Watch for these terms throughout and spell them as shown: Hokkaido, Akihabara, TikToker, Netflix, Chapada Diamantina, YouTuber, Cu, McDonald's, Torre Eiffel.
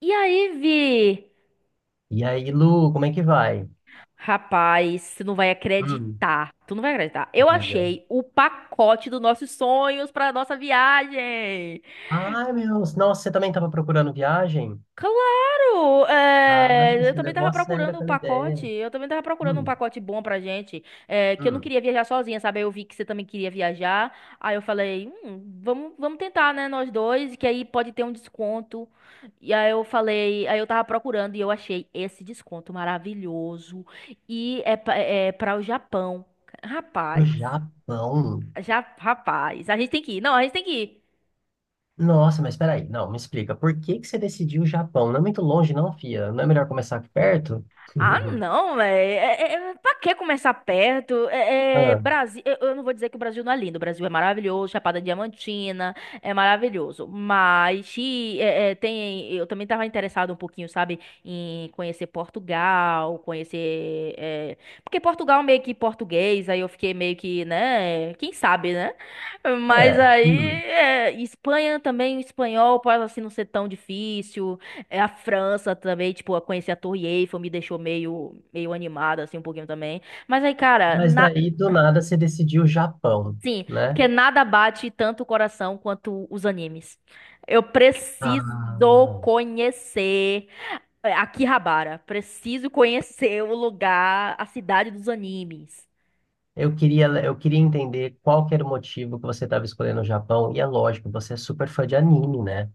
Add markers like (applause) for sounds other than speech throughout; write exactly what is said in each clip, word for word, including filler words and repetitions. E aí, Vi? E aí, Lu, como é que vai? Rapaz, tu não vai Hum, acreditar. Tu não vai acreditar. Eu diga. achei o pacote dos nossos sonhos pra nossa viagem. Ai, meu, nossa, você também estava procurando viagem? Claro! Ah, é, Eu você também levou tava a sério procurando o aquela pacote. ideia. Eu também tava procurando um Hum, pacote bom pra gente. É, que eu não hum. queria viajar sozinha, sabe? Eu vi que você também queria viajar. Aí eu falei, "Hum, vamos, vamos tentar, né? Nós dois, que aí pode ter um desconto." E aí eu falei, aí eu tava procurando e eu achei esse desconto maravilhoso. E é, pa- é para o Japão. Pro Rapaz, Japão? já, rapaz, a gente tem que ir. Não, a gente tem que ir. Nossa, mas peraí, não, me explica. Por que que você decidiu o Japão? Não é muito longe, não, fia? Não é melhor começar aqui perto? Ah, (laughs) não, velho. É, é, é- pra que começar perto? É, é, Ah, Brasil, eu, eu não vou dizer que o Brasil não é lindo. O Brasil é maravilhoso, Chapada Diamantina é maravilhoso. Mas e, é, é, tem, eu também estava interessado um pouquinho, sabe, em conhecer Portugal, conhecer, é, porque Portugal é meio que português. Aí eu fiquei meio que, né? Quem sabe, né? Mas é. aí Hum. é, Espanha também, o espanhol pode assim não ser tão difícil. É a França também, tipo, eu conheci a Torre Eiffel, me deixou meio, meio animada, assim, um pouquinho também. Mas aí, cara, Mas na... daí, do nada, você decidiu o Japão, Sim, né? porque nada bate tanto o coração quanto os animes. Eu preciso Ah, conhecer é, Akihabara. Preciso conhecer o lugar, a cidade dos animes. Eu queria, eu queria entender qual que era o motivo que você estava escolhendo o Japão. E é lógico, você é super fã de anime, né?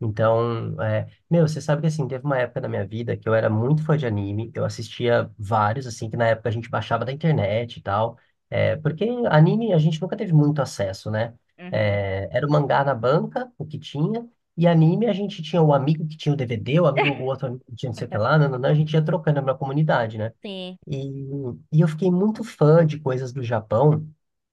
Então, é, meu, você sabe que assim, teve uma época da minha vida que eu era muito fã de anime. Eu assistia vários, assim, que na época a gente baixava da internet e tal. É, porque anime a gente nunca teve muito acesso, né? Uhum. É, era o mangá na banca, o que tinha. E anime a gente tinha o amigo que tinha o D V D, o amigo, o outro amigo que tinha não sei o que lá, não, não, não, a gente ia trocando na comunidade, né? Sim. E, e eu fiquei muito fã de coisas do Japão.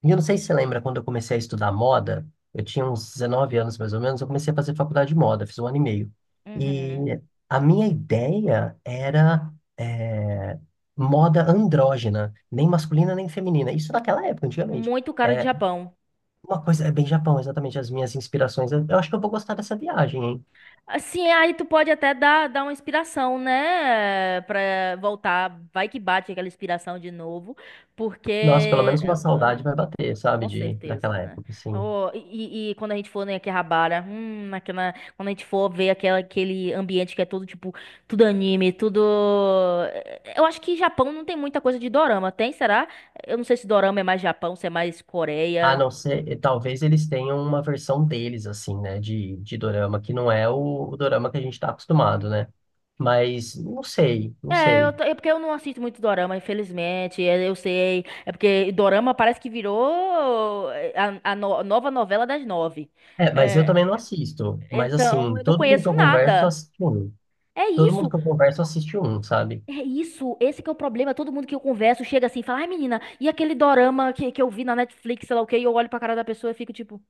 E eu não sei se você lembra quando eu comecei a estudar moda, eu tinha uns dezenove anos mais ou menos, eu comecei a fazer faculdade de moda, fiz um ano e meio. E Uhum. a minha ideia era eh, moda andrógena, nem masculina nem feminina. Isso naquela época, antigamente. Muito cara de É, Japão. uma coisa é bem Japão, exatamente as minhas inspirações. Eu eu acho que eu vou gostar dessa viagem, hein? Assim, aí tu pode até dar, dar uma inspiração, né? Pra voltar. Vai que bate aquela inspiração de novo. Porque. Nossa, pelo menos eh, uma ah, saudade vai bater, sabe, Com de, certeza, daquela né? época, assim. Oh, e, e- e quando a gente for em Akihabara, hum, naquela, quando a gente for ver aquela, aquele ambiente que é todo tipo, tudo anime, tudo. Eu acho que Japão não tem muita coisa de dorama, tem? Será? Eu não sei se dorama é mais Japão, se é mais A Coreia. não ser, e talvez eles tenham uma versão deles, assim, né, de, de dorama, que não é o, o dorama que a gente está acostumado, né? Mas não sei, não É, eu, sei. ta- é porque eu não assisto muito dorama, infelizmente. é, Eu sei. É porque dorama parece que virou eh, a, a no- nova novela das nove. É, mas eu É, também não assisto. Mas, então, assim, eu não todo mundo que conheço eu converso nada. assiste um. É Todo mundo isso, que eu converso assiste um, sabe? é isso. Esse que é o problema. Todo mundo que eu converso chega assim e fala: "Ai, menina, e aquele dorama que, que eu vi na Netflix, sei lá o quê?" E eu olho pra cara da pessoa e fico tipo.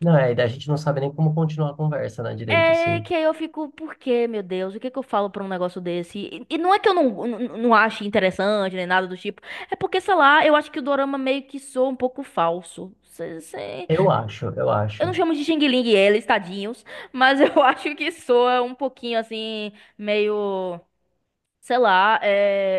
Não, é, e daí a gente não sabe nem como continuar a conversa, né, direito, É assim. que aí eu fico, por quê, meu Deus? O que que eu falo pra um negócio desse? E, e não é que eu não, não, não ache interessante nem nada do tipo. É porque, sei lá, eu acho que o dorama meio que soa um pouco falso. Cê- cê- Eu acho, eu Eu não acho. chamo de Xing Ling eles, tadinhos. Mas eu (laughs) acho que soa um pouquinho assim, meio sei lá,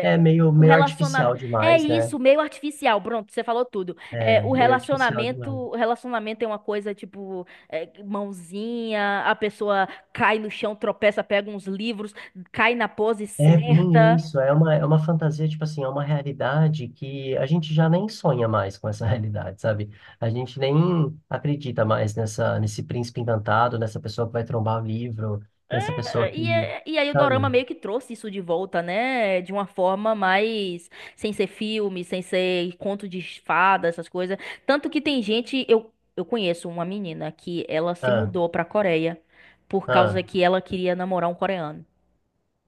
É meio, o meio relacionamento. artificial É demais, né? isso, meio artificial. Pronto, você falou tudo. É, É, o meio artificial relacionamento, demais. o relacionamento é uma coisa tipo é, mãozinha, a pessoa cai no chão, tropeça, pega uns livros, cai na pose É bem certa. isso, é uma, é uma fantasia, tipo assim, é uma realidade que a gente já nem sonha mais com essa (laughs) realidade, sabe? A gente nem acredita mais nessa, nesse príncipe encantado, nessa pessoa que vai trombar o livro, nessa pessoa É, E, que, é- e aí o dorama sabe? meio que trouxe isso de volta, né? De uma forma mais sem ser filme, sem ser conto de fada, essas coisas. Tanto que tem gente, eu, eu conheço uma menina que ela se Ah, mudou pra Coreia por causa ah, que ela queria namorar um coreano.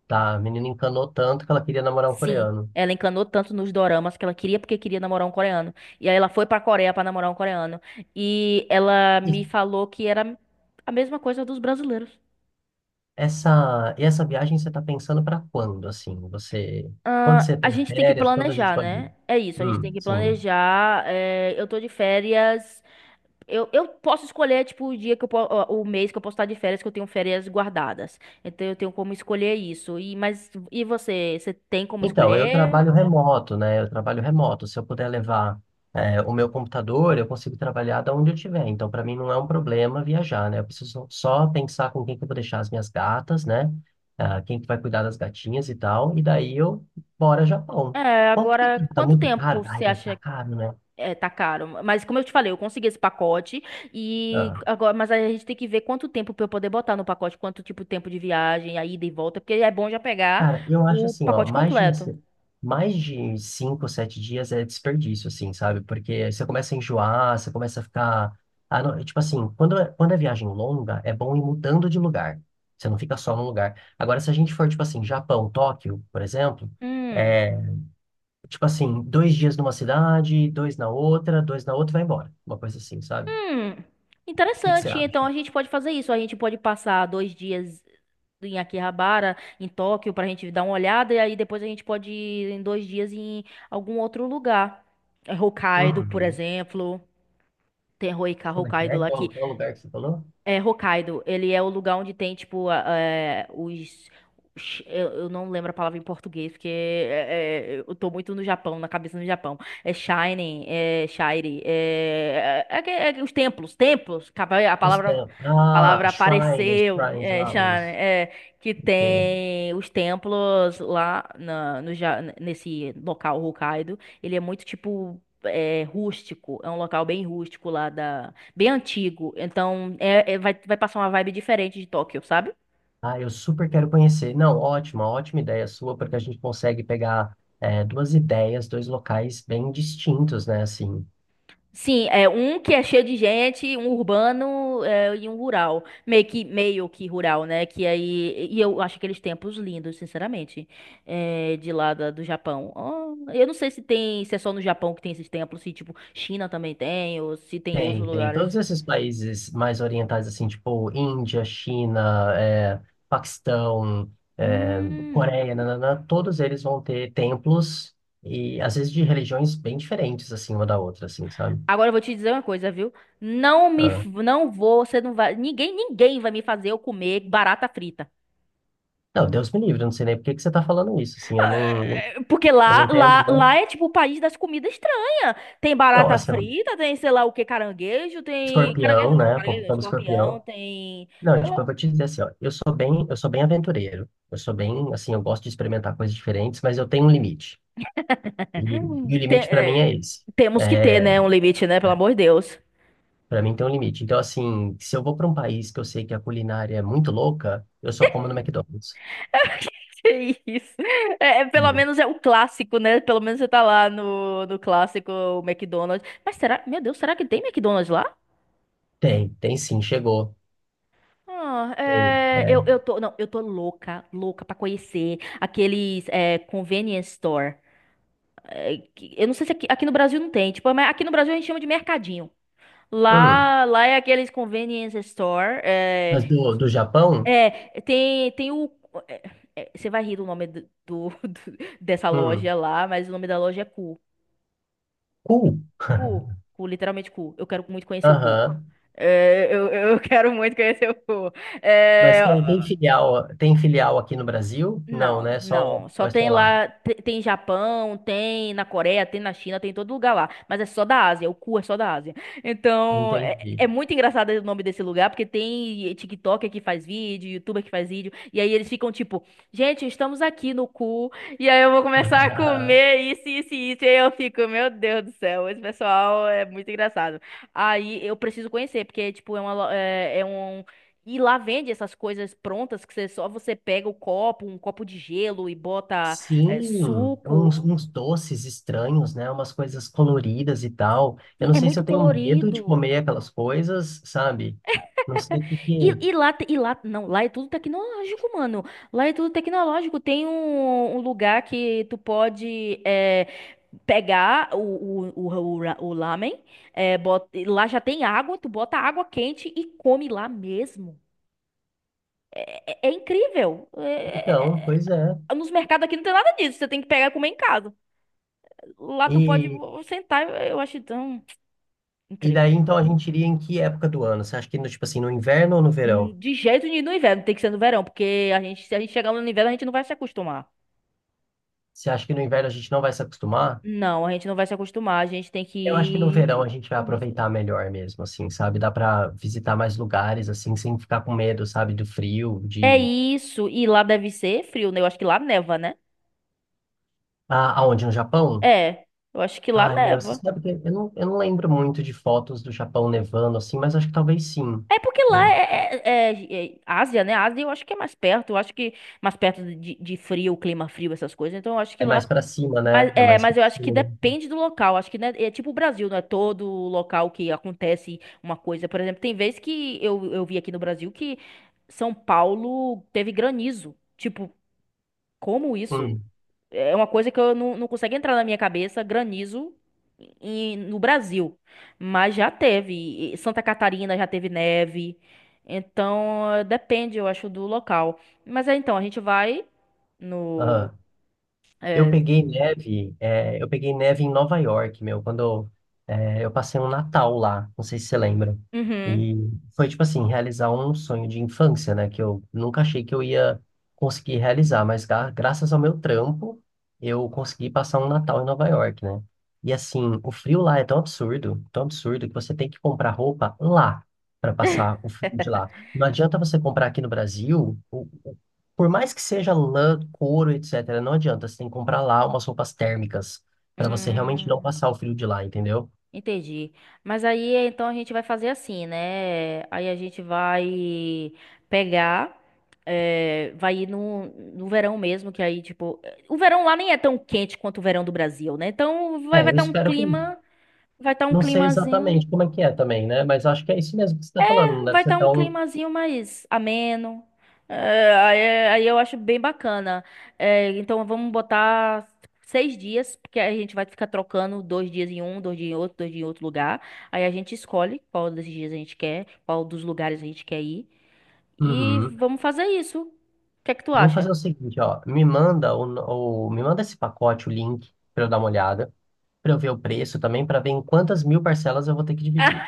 tá, a menina encanou tanto que ela queria namorar um Sim, coreano. ela encanou tanto nos doramas que ela queria porque queria namorar um coreano. E aí ela foi pra Coreia pra namorar um coreano. E ela E me falou que era a mesma coisa dos brasileiros. essa, e essa viagem você tá pensando pra quando, assim? Você, quando você Ah, a tem gente tem que férias, quando a gente planejar, pode né? ir? É isso, a gente tem Hum, que sim. planejar. É, eu tô de férias. Eu, eu posso escolher, tipo, o dia que eu po- o o mês que eu posso estar de férias, que eu tenho férias guardadas. Então eu tenho como escolher isso. E, mas, e você? Você tem como Então, eu escolher? trabalho remoto, né? Eu trabalho remoto. Se eu puder levar, eh, o meu computador, eu consigo trabalhar da onde eu estiver. Então, para mim, não é um problema viajar, né? Eu preciso só pensar com quem que eu vou deixar as minhas gatas, né? Ah, quem que vai cuidar das gatinhas e tal. E daí eu bora Japão. É, Quanto que Agora, tá quanto muito tempo caro? Ai, você deve acha estar que caro, né? é, tá caro? Mas como eu te falei, eu consegui esse pacote e Ah, agora, mas a gente tem que ver quanto tempo pra eu poder botar no pacote, quanto tipo tempo de viagem, a ida e volta, porque é bom já pegar cara, eu acho o assim, ó, pacote mais de uma, completo. se- mais de cinco, sete dias é desperdício, assim, sabe? Porque você começa a enjoar, você começa a ficar, ah, não, tipo assim, quando é, quando é viagem longa, é bom ir mudando de lugar. Você não fica só num lugar. Agora, se a gente for, tipo assim, Japão, Tóquio, por exemplo, Hum, é, tipo assim, dois dias numa cidade, dois na outra, dois na outra, e vai embora. Uma coisa assim, sabe? O hum, que que você interessante. Então acha? a gente pode fazer isso. A gente pode passar dois dias em Akihabara, em Tóquio, pra gente dar uma olhada. E aí depois a gente pode ir em dois dias em algum outro lugar. É Hokkaido, por Uhum. exemplo. Tem Hoika- Como é que Hokkaido é? lá Qual, que qual lugar que você falou? É, Hokkaido, ele é o lugar onde tem, tipo, a- é, os... os- Eu eu não lembro a palavra em português, porque é, é, eu tô muito no Japão, na cabeça no Japão. É Shining, é Shire, é, é, é que- é que os templos, templos, capa- a Os palavra, templos. Ah, palavra shrines, apareceu, shrines é, lá, Shine, os é, que Ok. tem os templos lá na, no, Ja- nesse local Hokkaido. Ele é muito, tipo, é, rústico, é um local bem rústico lá bem antigo. Então, é, é- vai, vai passar uma vibe diferente de Tóquio, sabe? Ah, eu super quero conhecer. Não, ótima, ótima ideia sua, porque a gente consegue pegar é, duas ideias, dois locais bem distintos, né? Assim, Sim, é um que é cheio de gente, um urbano, é, e um rural. Meio que, meio que rural, né? Que aí. E eu acho aqueles templos lindos, sinceramente. É, de lá da- do Japão. Oh, eu não sei se tem, se é só no Japão que tem esses templos, se tipo, China também tem, ou se tem em outros tem, tem. Todos lugares. esses países mais orientais, assim, tipo Índia, China, é, Paquistão, é, Hum. Coreia, nananã, todos eles vão ter templos e, às vezes, de religiões bem diferentes, assim, uma da outra, assim, sabe? Agora eu vou te dizer uma coisa, viu? Não me, Ah. f- não vou, você não vai, ninguém, ninguém vai me fazer eu comer barata frita. Não, Deus me livre, eu não sei nem por que que você tá falando isso, assim, eu não, É. Porque eu lá, não tenho... lá, lá é tipo o país das comidas estranhas. Tem Não, barata assim, ó, frita, tem sei lá o que, caranguejo, tem. Caranguejo Escorpião, não, né? caranguejo não, Portando escorpião, escorpião. tem. Não, Sei tipo, eu lá, vou te dizer assim, ó, eu sou bem, eu sou bem aventureiro. Eu sou bem, assim, eu gosto de experimentar coisas diferentes, mas eu tenho um limite. E, e hum, o tem- limite pra mim é, é esse. temos que ter, É, né? Um limite, né? Pelo amor de Deus. para mim tem um limite. Então, assim, se eu vou pra um país que eu sei que a culinária é muito louca, eu só como no McDonald's. (laughs) Que isso. É, é, pelo E menos é o clássico, né? Pelo menos você tá lá no, no clássico o McDonald's. Mas será, meu Deus, será que tem McDonald's lá? Tem, tem sim, chegou. Ah, Tem. é, eu, É. eu tô, não, eu tô louca, louca pra conhecer aqueles é, convenience store. é, que- Eu não sei se aqui, aqui no Brasil não tem, tipo, mas aqui no Brasil a gente chama de mercadinho. Hum, Lá, lá é aqueles convenience store. mas É, do, do Japão? é, tem, tem o. é, é, Você vai rir do nome do, do- (laughs) do- dessa Hum, loja lá, mas o nome da loja é Cu. cool. Cu, (laughs) Cu, literalmente Cu. Eu quero muito conhecer o Cu. Aham. É, eu, eu quero muito conhecer o Cu. Mas É, tem, tem filial, tem filial aqui no Brasil? Não, Não, né? Só, não. Só vai tem só lá. lá, te- tem Japão, tem na Coreia, tem na China, tem em todo lugar lá. Mas é só da Ásia, o cu é só da Ásia. Então, é, Entendi. é muito engraçado o nome desse lugar, porque tem TikToker que faz vídeo, YouTuber que faz vídeo, e aí eles ficam tipo, gente, estamos aqui no cu, e aí eu vou começar a (laughs) comer isso, isso, e isso, e aí eu fico, meu Deus do céu, esse pessoal é muito engraçado. Aí eu preciso conhecer, porque, tipo, é uma, lo- é é um. E lá vende essas coisas prontas que você- só você pega o copo, um copo de gelo e bota eh, Sim, suco. uns, uns doces estranhos, né? Umas coisas coloridas e tal. Eu Sim, não é sei se muito eu tenho medo de colorido. comer aquelas coisas, sabe? Não sei o que E, e que... lá, te- e lá, não, lá é tudo tecnológico, mano. Lá é tudo tecnológico. Tem um, um lugar que tu pode eh, pegar o, o, o, o, ra- o lamen, eh, bota- e lá já tem água, tu bota água quente e come lá mesmo. É, é- é incrível. É- é. é- é- Então, é- pois é. É, nos mercados aqui não tem nada disso, você tem que pegar e comer em casa. Lá tu pode E, sentar, eu acho tão e daí, incrível. então, a gente iria em que época do ano? Você acha que, no, tipo assim, no inverno ou no verão? Hum, De jeito nenhum no inverno, tem que ser no verão, porque a gente, se a gente chegar lá no inverno, a gente não vai se acostumar. Você acha que no inverno a gente não vai se acostumar? Não, a gente não vai se acostumar, a gente tem que Eu acho que no verão a ir- gente vai Começou. aproveitar melhor mesmo, assim, sabe? Dá pra visitar mais lugares, assim, sem ficar com medo, sabe? Do frio, É de... isso, e lá deve ser frio, né? Eu acho que lá neva, né? Ah, aonde? No Japão? É, eu acho que lá Ai, meu, você neva. sabe que eu não, eu não lembro muito de fotos do Japão nevando assim, mas acho que talvez sim, É porque lá né? é, é- é- é é Ásia, né? Ásia eu acho que é mais perto, eu acho que mais perto de, de frio, clima frio, essas coisas. Então eu acho que É lá mais pra cima, Mas, né? É é, mais mas pra eu acho que cima. Né? depende do local. Acho que né, é é tipo o Brasil, não é todo local que acontece uma coisa. Por exemplo, tem vezes que eu, eu vi aqui no Brasil que São Paulo teve granizo. Tipo, como isso? Hum, É uma coisa que eu não, não consigo entrar na minha cabeça, granizo em- no Brasil. Mas já teve. E Santa Catarina já teve neve. Então, eh, depende, eu acho, do local. Mas é, então, a gente vai no. aham. Eu é, peguei neve, é, eu peguei neve em Nova York, meu, quando eu, é, eu passei um Natal lá, não sei se você lembra. uhum. E foi tipo assim, realizar um sonho de infância, né? Que eu nunca achei que eu ia conseguir realizar, mas gra- graças ao meu trampo, eu consegui passar um Natal em Nova York, né? E assim, o frio lá é tão absurdo, tão absurdo, que você tem que comprar roupa lá para passar o frio de lá. Não adianta você comprar aqui no Brasil. Por mais que seja lã, couro, et cetera, não adianta. Você tem que comprar lá umas roupas térmicas para você realmente não Hum. passar o frio de lá, entendeu? Entendi. Mas aí então a gente vai fazer assim, né? Aí a gente vai pegar, eh, vai ir no, no verão mesmo, que aí, tipo, eh, o verão lá nem é tão quente quanto o verão do Brasil, né? Então vai vai É, eu estar um espero que. clima, vai estar um Não sei climazinho. exatamente como é que é também, né? Mas acho que é isso mesmo que você está falando. Não deve Vai ser estar um tão. climazinho mais ameno. É, aí, aí eu acho bem bacana. É, então vamos botar seis dias, porque aí a gente vai ficar trocando dois dias em um, dois dias em outro, dois dias em outro lugar. Aí a gente escolhe qual desses dias a gente quer, qual dos lugares a gente quer ir. E Uhum. vamos fazer isso. O que é que tu Vamos fazer acha? o seguinte, ó. Me manda o, o- me manda esse pacote, o link, para eu dar uma olhada, para eu ver o preço também, para ver em quantas mil parcelas eu vou ter que dividir.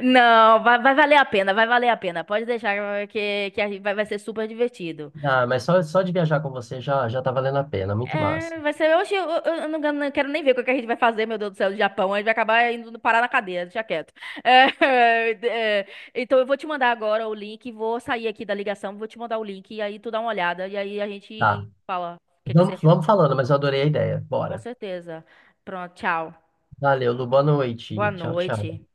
Não, vai, vai valer a pena, vai valer a pena. Pode deixar que, que a gente vai vai ser super divertido. Ah, mas só, só de viajar com você já já tá valendo a pena, muito massa. É, vai ser. Oxe, eu, eu- eu não, não quero nem ver o que que a gente vai fazer, meu Deus do céu, do Japão. A gente vai acabar indo parar na cadeia, deixa quieto. É, (laughs) é, então eu vou te mandar agora o link, vou sair aqui da ligação, vou te mandar o link, e aí tu dá uma olhada, e aí a Tá. gente fala o que que você Vamos, achou. vamos falando, mas eu adorei a ideia. Com Bora. certeza. Pronto, tchau. Valeu, Lu, boa Boa noite. Tchau, tchau. noite.